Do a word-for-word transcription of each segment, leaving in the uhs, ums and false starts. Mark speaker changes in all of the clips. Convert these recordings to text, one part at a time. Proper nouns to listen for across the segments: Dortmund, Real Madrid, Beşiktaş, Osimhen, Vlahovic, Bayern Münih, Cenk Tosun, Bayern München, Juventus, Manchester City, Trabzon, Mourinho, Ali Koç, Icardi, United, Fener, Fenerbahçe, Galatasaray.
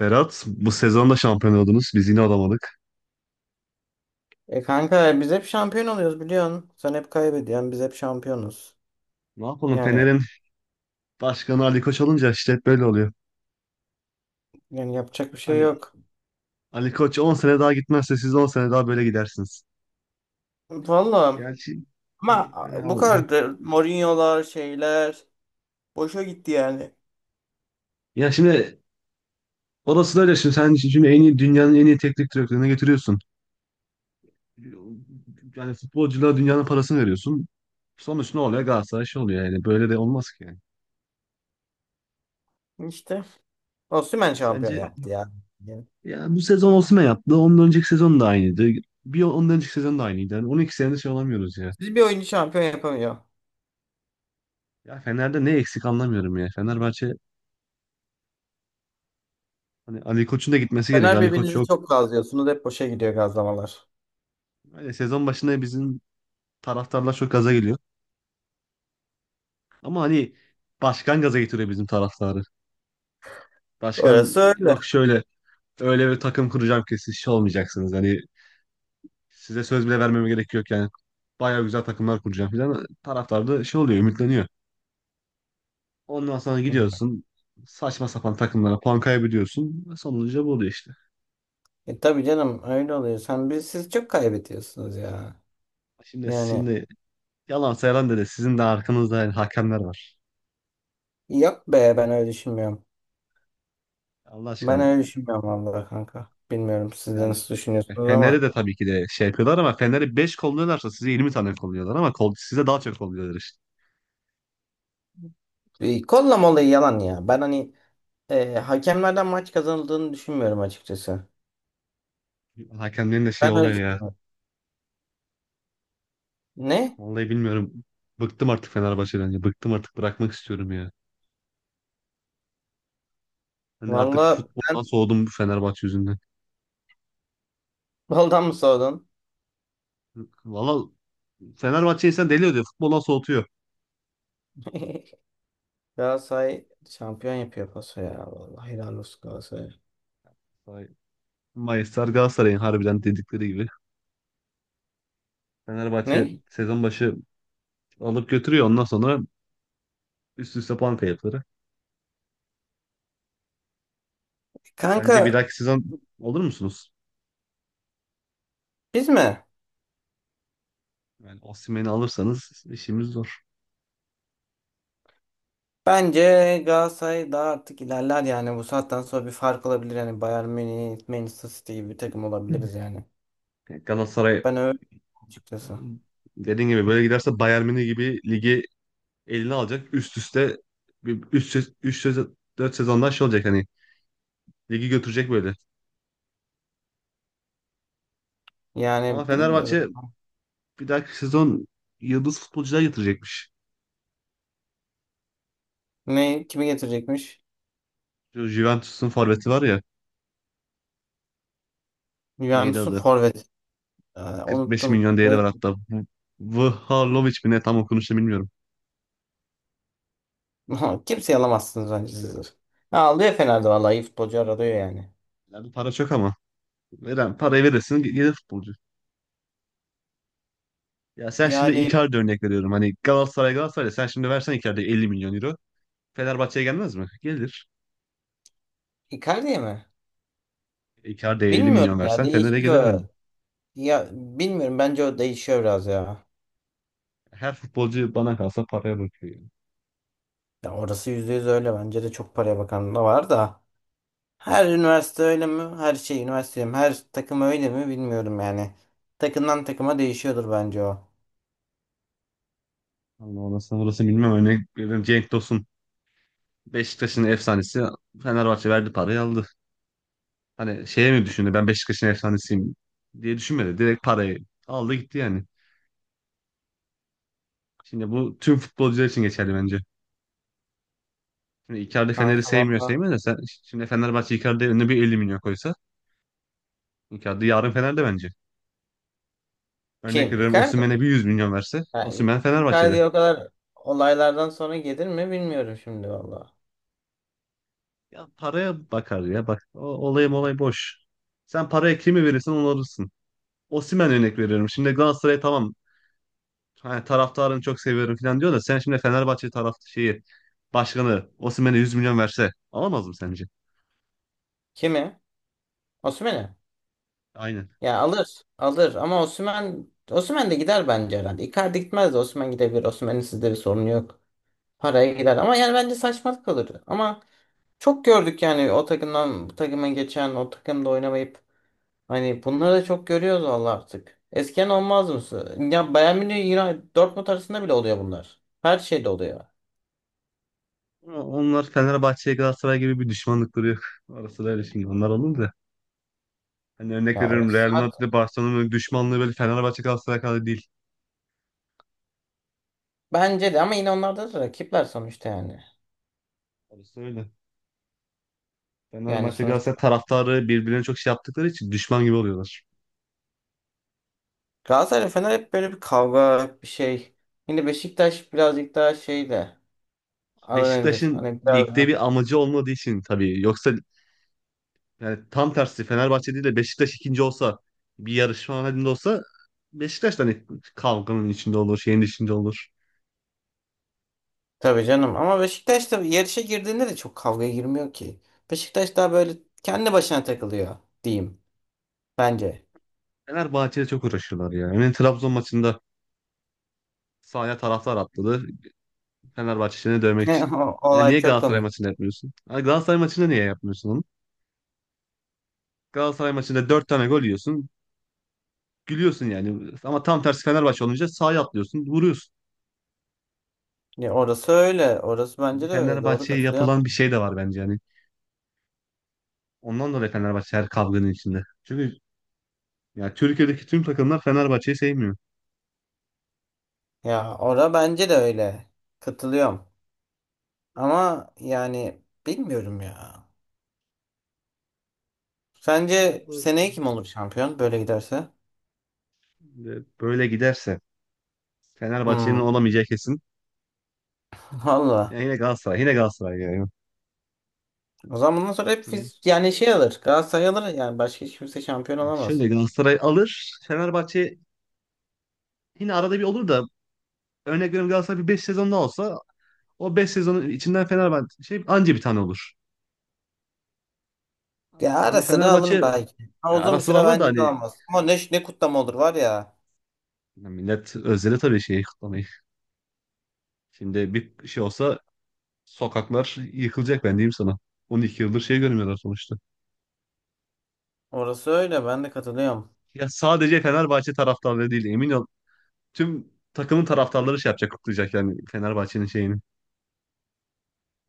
Speaker 1: Berat, bu sezon da şampiyon oldunuz. Biz yine olamadık.
Speaker 2: E kanka biz hep şampiyon oluyoruz biliyorsun. Sen hep kaybediyorsun. Biz hep şampiyonuz.
Speaker 1: Ne yapalım?
Speaker 2: Yani
Speaker 1: Fener'in başkanı Ali Koç olunca işte hep böyle oluyor.
Speaker 2: yani yapacak bir şey
Speaker 1: Hani
Speaker 2: yok.
Speaker 1: Ali Koç on sene daha gitmezse siz on sene daha böyle gidersiniz.
Speaker 2: Vallahi
Speaker 1: Gerçi
Speaker 2: ama bu
Speaker 1: yani-
Speaker 2: kadar da Mourinho'lar şeyler boşa gitti yani.
Speaker 1: ya şimdi orası da öyle, şimdi sen şimdi en iyi dünyanın en iyi teknik direktörüne getiriyorsun. Yani futbolculara dünyanın parasını veriyorsun. Sonuç ne oluyor? Galatasaray şey oluyor yani. Böyle de olmaz ki yani.
Speaker 2: İşte Osimhen şampiyon
Speaker 1: Sence
Speaker 2: yaptı ya. Yani
Speaker 1: ya bu sezon Osimhen yaptı. Ondan önceki sezon da aynıydı. Bir ondan önceki sezon da aynıydı. Yani on iki senedir şey olamıyoruz ya.
Speaker 2: siz bir oyuncu şampiyon yapamıyor.
Speaker 1: Ya Fener'de ne eksik anlamıyorum ya. Fenerbahçe hani Ali Koç'un da gitmesi gerekiyor.
Speaker 2: Fener
Speaker 1: Ali Koç
Speaker 2: birbirinizi
Speaker 1: yok.
Speaker 2: çok gazlıyorsunuz. Hep boşa gidiyor gazlamalar.
Speaker 1: Hani sezon başında bizim taraftarlar çok gaza geliyor. Ama hani başkan gaza getiriyor bizim taraftarı. Başkan
Speaker 2: Orası öyle.
Speaker 1: yok şöyle öyle bir takım kuracağım ki siz şey olmayacaksınız. Hani size söz bile vermeme gerek yok yani. Bayağı güzel takımlar kuracağım falan. Taraftar da şey oluyor, ümitleniyor. Ondan sonra gidiyorsun saçma sapan takımlara puan kaybediyorsun. Sonucu bu oluyor işte.
Speaker 2: E tabii canım öyle oluyor. Sen biz siz çok kaybediyorsunuz ya.
Speaker 1: Şimdi
Speaker 2: Yani
Speaker 1: sizin de yalan sayılan dedi sizin de arkanızda yani hakemler var.
Speaker 2: yok be ben öyle düşünmüyorum.
Speaker 1: Allah
Speaker 2: Ben
Speaker 1: aşkına,
Speaker 2: öyle düşünmüyorum vallahi kanka. Bilmiyorum siz de
Speaker 1: yani
Speaker 2: nasıl düşünüyorsunuz
Speaker 1: Fener'e
Speaker 2: ama
Speaker 1: de tabii ki de şey yapıyorlar ama Fener'e beş kolluyorlarsa size yirmi tane kolluyorlar ama kol, size daha çok kolluyorlar işte.
Speaker 2: e, kollama olayı yalan ya. Ben hani e, hakemlerden maç kazanıldığını düşünmüyorum açıkçası.
Speaker 1: Hakemlerin de şey
Speaker 2: Ben öyle
Speaker 1: oluyor ya.
Speaker 2: düşünmüyorum. Ne?
Speaker 1: Vallahi bilmiyorum. Bıktım artık Fenerbahçe'den ya. Bıktım artık, bırakmak istiyorum ya. Hani artık
Speaker 2: Vallahi ben
Speaker 1: futboldan soğudum bu Fenerbahçe yüzünden.
Speaker 2: baldan mı sordun?
Speaker 1: Valla Fenerbahçe insan deli oluyor. Futboldan soğutuyor.
Speaker 2: Galatasaray şampiyon yapıyor paso ya. Vallahi helal olsun Galatasaray.
Speaker 1: Vay. Mayıslar Galatasaray'ın, harbiden dedikleri gibi. Fenerbahçe
Speaker 2: Ne?
Speaker 1: sezon başı alıp götürüyor. Ondan sonra üst üste puan kayıpları. Sence bir
Speaker 2: Kanka
Speaker 1: dahaki sezon olur musunuz?
Speaker 2: biz mi?
Speaker 1: Yani Osimhen'i alırsanız işimiz zor.
Speaker 2: Bence Galatasaray daha artık ilerler yani. Bu saatten sonra bir fark olabilir. Yani Bayern Münih, Manchester City gibi bir takım olabiliriz yani.
Speaker 1: Yani Galatasaray
Speaker 2: Ben öyle açıkçası.
Speaker 1: dediğin gibi böyle giderse Bayern Münih gibi ligi eline alacak. Üst üste üç üç dört sezondan şey olacak hani ligi götürecek böyle. Ama
Speaker 2: Yani
Speaker 1: Fenerbahçe
Speaker 2: bilmiyorum.
Speaker 1: bir dahaki sezon yıldız futbolcular getirecekmiş.
Speaker 2: Ne kimi getirecekmiş?
Speaker 1: Şu Juventus'un forveti var ya, neydi
Speaker 2: Juventus'un
Speaker 1: adı?
Speaker 2: forvet. Ee,
Speaker 1: kırk beş
Speaker 2: unuttum.
Speaker 1: milyon değeri
Speaker 2: Ne?
Speaker 1: var hatta. V- Vlahovic mi ne, tam okunuşunu bilmiyorum.
Speaker 2: Kimseyi alamazsınız bence siz. Ha, alıyor Fener'de vallahi iyi futbolcu arıyor yani.
Speaker 1: Yani para çok ama veren parayı verirsin, gelir futbolcu. Ya sen şimdi
Speaker 2: Yani
Speaker 1: Icardi örnek veriyorum. Hani Galatasaray Galatasaray sen şimdi versen Icardi'ye elli milyon euro. Fenerbahçe'ye gelmez mi? Gelir.
Speaker 2: Icardi mi?
Speaker 1: Icardi'ye elli
Speaker 2: Bilmiyorum
Speaker 1: milyon
Speaker 2: ya
Speaker 1: versen Fener'e gelir
Speaker 2: değişiyor.
Speaker 1: mi?
Speaker 2: Ya bilmiyorum bence o değişiyor biraz ya.
Speaker 1: Her futbolcu bana kalsa paraya bakıyor. Yani.
Speaker 2: Ya orası yüzde yüz öyle bence de çok paraya bakan da var da. Her üniversite öyle mi? Her şey üniversite mi? Her takım öyle mi? Bilmiyorum yani. Takımdan takıma değişiyordur bence o.
Speaker 1: Allah orası orası bilmem. Örnek veriyorum Cenk Tosun. Beşiktaş'ın efsanesi, Fenerbahçe verdi parayı aldı. Hani şeye mi düşündü, ben Beşiktaş'ın efsanesiyim diye düşünmedi. Direkt parayı aldı gitti yani. Şimdi bu tüm futbolcular için geçerli bence. Şimdi Icardi Fener'i
Speaker 2: Kanka
Speaker 1: sevmiyor,
Speaker 2: valla.
Speaker 1: sevmiyor da sen şimdi Fenerbahçe Icardi'ye önüne bir elli milyon koysa Icardi yarın Fener'de bence. Örnek
Speaker 2: Kim?
Speaker 1: veriyorum,
Speaker 2: Icardi mi?
Speaker 1: Osimhen'e bir yüz milyon verse
Speaker 2: Ha,
Speaker 1: Osimhen Fenerbahçe'de.
Speaker 2: Icardi o kadar olaylardan sonra gelir mi bilmiyorum şimdi valla.
Speaker 1: Ya paraya bakar ya, bak o, olay olay boş. Sen paraya kimi verirsen onu alırsın. Osimhen örnek veriyorum. Şimdi Galatasaray tamam, hani taraftarını çok seviyorum falan diyor da sen şimdi Fenerbahçe taraf şeyi başkanı Osimhen'e yüz milyon verse alamaz mı sence?
Speaker 2: Kimi? Osimhen'i.
Speaker 1: Aynen.
Speaker 2: Ya alır. Alır ama Osimhen Osimhen de gider bence herhalde. Icardi gitmez de Osimhen gidebilir. Osimhen'in sizde bir sorunu yok. Paraya gider ama yani bence saçmalık kalır. Ama çok gördük yani o takımdan bu takıma geçen o takımda oynamayıp hani bunları da çok görüyoruz valla artık. Eskiden olmaz mısın? Ya Bayern Münih, United, Dortmund arasında bile oluyor bunlar. Her şeyde oluyor.
Speaker 1: Ama onlar Fenerbahçe'ye Galatasaray gibi bir düşmanlıkları yok. Orası da öyle, şimdi onlar alındı da, hani örnek
Speaker 2: Ya
Speaker 1: veriyorum
Speaker 2: orası
Speaker 1: Real Madrid ile Barcelona'nın düşmanlığı böyle Fenerbahçe Galatasaray kadar değil.
Speaker 2: bence de ama yine onlarda da rakipler sonuçta yani.
Speaker 1: Orası öyle.
Speaker 2: Yani
Speaker 1: Fenerbahçe
Speaker 2: sonuçta
Speaker 1: Galatasaray taraftarı birbirlerine çok şey yaptıkları için düşman gibi oluyorlar.
Speaker 2: Galatasaray ve Fener hep böyle bir kavga bir şey. Yine Beşiktaş birazcık daha şey de adı nedir?
Speaker 1: Beşiktaş'ın
Speaker 2: Hani biraz
Speaker 1: ligde
Speaker 2: da
Speaker 1: bir amacı olmadığı için tabii. Yoksa yani tam tersi Fenerbahçe değil de Beşiktaş ikinci olsa, bir yarışma halinde olsa, Beşiktaş da hani kavganın içinde olur, şeyin içinde olur.
Speaker 2: tabii canım ama Beşiktaş da yarışa girdiğinde de çok kavgaya girmiyor ki. Beşiktaş daha böyle kendi başına takılıyor diyeyim bence.
Speaker 1: Fenerbahçe'de çok uğraşıyorlar ya. Yani Trabzon maçında sahaya taraftar atladı. Fenerbahçe'ye dövmek için.
Speaker 2: O-
Speaker 1: Yani
Speaker 2: Olay
Speaker 1: niye
Speaker 2: çok
Speaker 1: Galatasaray
Speaker 2: komik.
Speaker 1: maçında yapmıyorsun? Yani Galatasaray maçında niye yapmıyorsun onu? Galatasaray maçında dört tane gol yiyorsun. Gülüyorsun yani. Ama tam tersi Fenerbahçe olunca sağa atlıyorsun, vuruyorsun.
Speaker 2: Ya orası öyle. Orası
Speaker 1: Yani
Speaker 2: bence de öyle. Doğru
Speaker 1: Fenerbahçe'ye
Speaker 2: katılıyorum.
Speaker 1: yapılan bir şey de var bence yani. Ondan dolayı Fenerbahçe her kavganın içinde. Çünkü ya Türkiye'deki tüm takımlar Fenerbahçe'yi sevmiyor.
Speaker 2: Ya ora bence de öyle. Katılıyorum. Ama yani bilmiyorum ya. Sence
Speaker 1: Bu-
Speaker 2: seneye kim olur şampiyon böyle giderse?
Speaker 1: Böyle giderse Fenerbahçe'nin
Speaker 2: Hmm.
Speaker 1: olamayacağı kesin. Ya
Speaker 2: Valla.
Speaker 1: yine Galatasaray, yine Galatasaray yani.
Speaker 2: O zaman bundan sonra hep
Speaker 1: Yine
Speaker 2: biz yani şey alır. Galatasaray alır yani başka hiç kimse şampiyon
Speaker 1: ya şöyle,
Speaker 2: olamaz.
Speaker 1: Galatasaray alır, Fenerbahçe yine arada bir olur da, örnek veriyorum Galatasaray bir beş sezonda olsa o beş sezonun içinden Fenerbahçe şey anca bir tane olur.
Speaker 2: Ya
Speaker 1: Hani
Speaker 2: ara sıra alır
Speaker 1: Fenerbahçe
Speaker 2: belki. Ama
Speaker 1: ya
Speaker 2: uzun
Speaker 1: ara
Speaker 2: bir
Speaker 1: sıra
Speaker 2: süre
Speaker 1: alır da
Speaker 2: bence de
Speaker 1: hani,
Speaker 2: alamaz. Ama ne, ne kutlama olur var ya.
Speaker 1: ya millet özledi tabii şeyi, kutlamayı. Şimdi bir şey olsa sokaklar yıkılacak, ben diyeyim sana. On iki yıldır şey görmüyorlar sonuçta.
Speaker 2: Orası öyle ben de katılıyorum.
Speaker 1: Ya sadece Fenerbahçe taraftarları değil, emin ol. Tüm takımın taraftarları şey yapacak, kutlayacak yani Fenerbahçe'nin şeyini.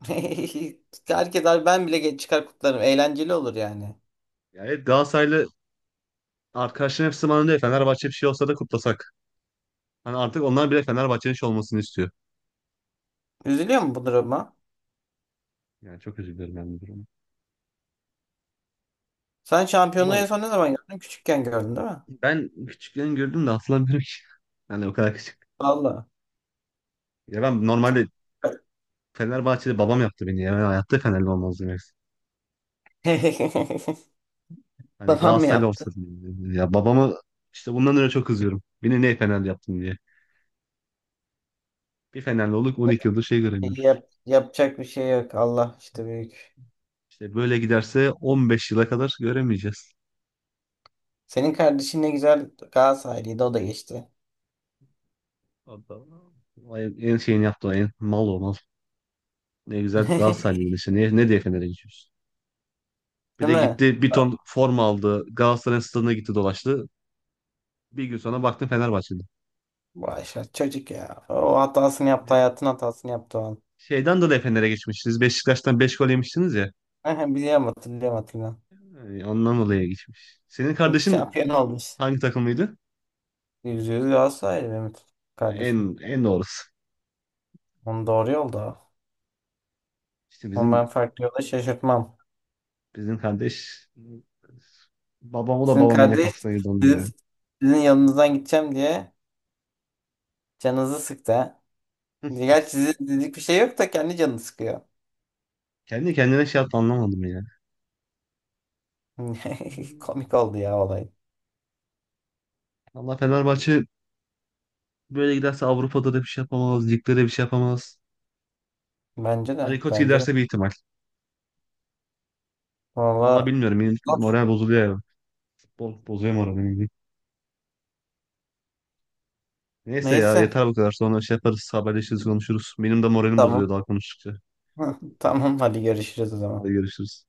Speaker 2: Herkes abi ben bile ge- çıkar kutlarım. Eğlenceli olur yani.
Speaker 1: Yani evet, Galatasaraylı arkadaşların hepsi bana diyor Fenerbahçe bir şey olsa da kutlasak. Hani artık onlar bile Fenerbahçe'nin şey olmasını istiyor.
Speaker 2: Üzülüyor mu bu duruma?
Speaker 1: Yani çok üzülüyorum ben bu duruma.
Speaker 2: Sen şampiyonluğu
Speaker 1: Ama
Speaker 2: en son ne zaman gördün? Küçükken gördün değil mi?
Speaker 1: ben küçükken gördüm de hatırlamıyorum ki. Yani o kadar küçük.
Speaker 2: Valla.
Speaker 1: Ya ben
Speaker 2: Çok.
Speaker 1: normalde Fenerbahçe'de, babam yaptı beni. Ya ben hayatta Fenerli olmazdım. Hani
Speaker 2: Babam mı
Speaker 1: Galatasaraylı
Speaker 2: yaptı?
Speaker 1: olsaydım. Ya babamı işte bundan öyle çok kızıyorum. Beni ne Fenerli yaptın diye. Bir Fenerli olduk on iki yıldır şey
Speaker 2: Şey,
Speaker 1: göremiyoruz.
Speaker 2: Yap, yapacak bir şey yok. Allah işte büyük.
Speaker 1: İşte böyle giderse on beş yıla kadar göremeyeceğiz.
Speaker 2: Senin kardeşin ne güzel Galatasaraylıydı o da geçti.
Speaker 1: Adam Allah. En şeyini yaptı o, en mal o mal. Ne güzel Galatasaraylı işte. Ne, ne diye Fener'e gidiyoruz. Bir
Speaker 2: Değil
Speaker 1: de
Speaker 2: mi?
Speaker 1: gitti bir ton forma aldı. Galatasaray'ın stadına gitti, dolaştı. Bir gün sonra baktım Fenerbahçe'de.
Speaker 2: Vay şa- çocuk ya. O hatasını yaptı hayatın hatasını yaptı o an.
Speaker 1: Şeyden dolayı Fener'e geçmişsiniz. Beşiktaş'tan beş gol yemiştiniz ya.
Speaker 2: Aha, biliyorum hatırlıyorum hatırlıyorum.
Speaker 1: Yani ondan dolayı geçmiş. Senin kardeşin
Speaker 2: Şampiyon olmuş.
Speaker 1: hangi takımlıydı?
Speaker 2: Yüz yüz Galatasaraylı Mehmet
Speaker 1: Ya
Speaker 2: kardeşim.
Speaker 1: En en doğrusu.
Speaker 2: Onun doğru yolda.
Speaker 1: İşte
Speaker 2: Ama ben
Speaker 1: bizim
Speaker 2: farklı yolda şaşırtmam.
Speaker 1: bizim kardeş babamı da
Speaker 2: Sizin
Speaker 1: babam yine
Speaker 2: kardeş
Speaker 1: kafasına girdi onun ya.
Speaker 2: sizin, sizin yanınızdan gideceğim diye canınızı sıktı ha. Gerçi sizin dedik bir şey yok da kendi canını sıkıyor.
Speaker 1: Kendi kendine şey yaptı, anlamadım ya.
Speaker 2: Komik oldu ya olay.
Speaker 1: Allah Fenerbahçe böyle giderse Avrupa'da da bir şey yapamaz. Ligde de bir şey yapamaz.
Speaker 2: Bence de.
Speaker 1: Ali Koç
Speaker 2: Bence de.
Speaker 1: giderse bir ihtimal. Valla
Speaker 2: Valla
Speaker 1: bilmiyorum. Benim moral bozuluyor ya. Futbol bozuyor moralimi. Neyse ya,
Speaker 2: neyse.
Speaker 1: yeter bu kadar. Sonra şey yaparız. Haberleşiriz, konuşuruz. Benim de moralim bozuluyor
Speaker 2: Tamam.
Speaker 1: daha konuştukça.
Speaker 2: Tamam hadi görüşürüz o
Speaker 1: Hadi
Speaker 2: zaman.
Speaker 1: görüşürüz.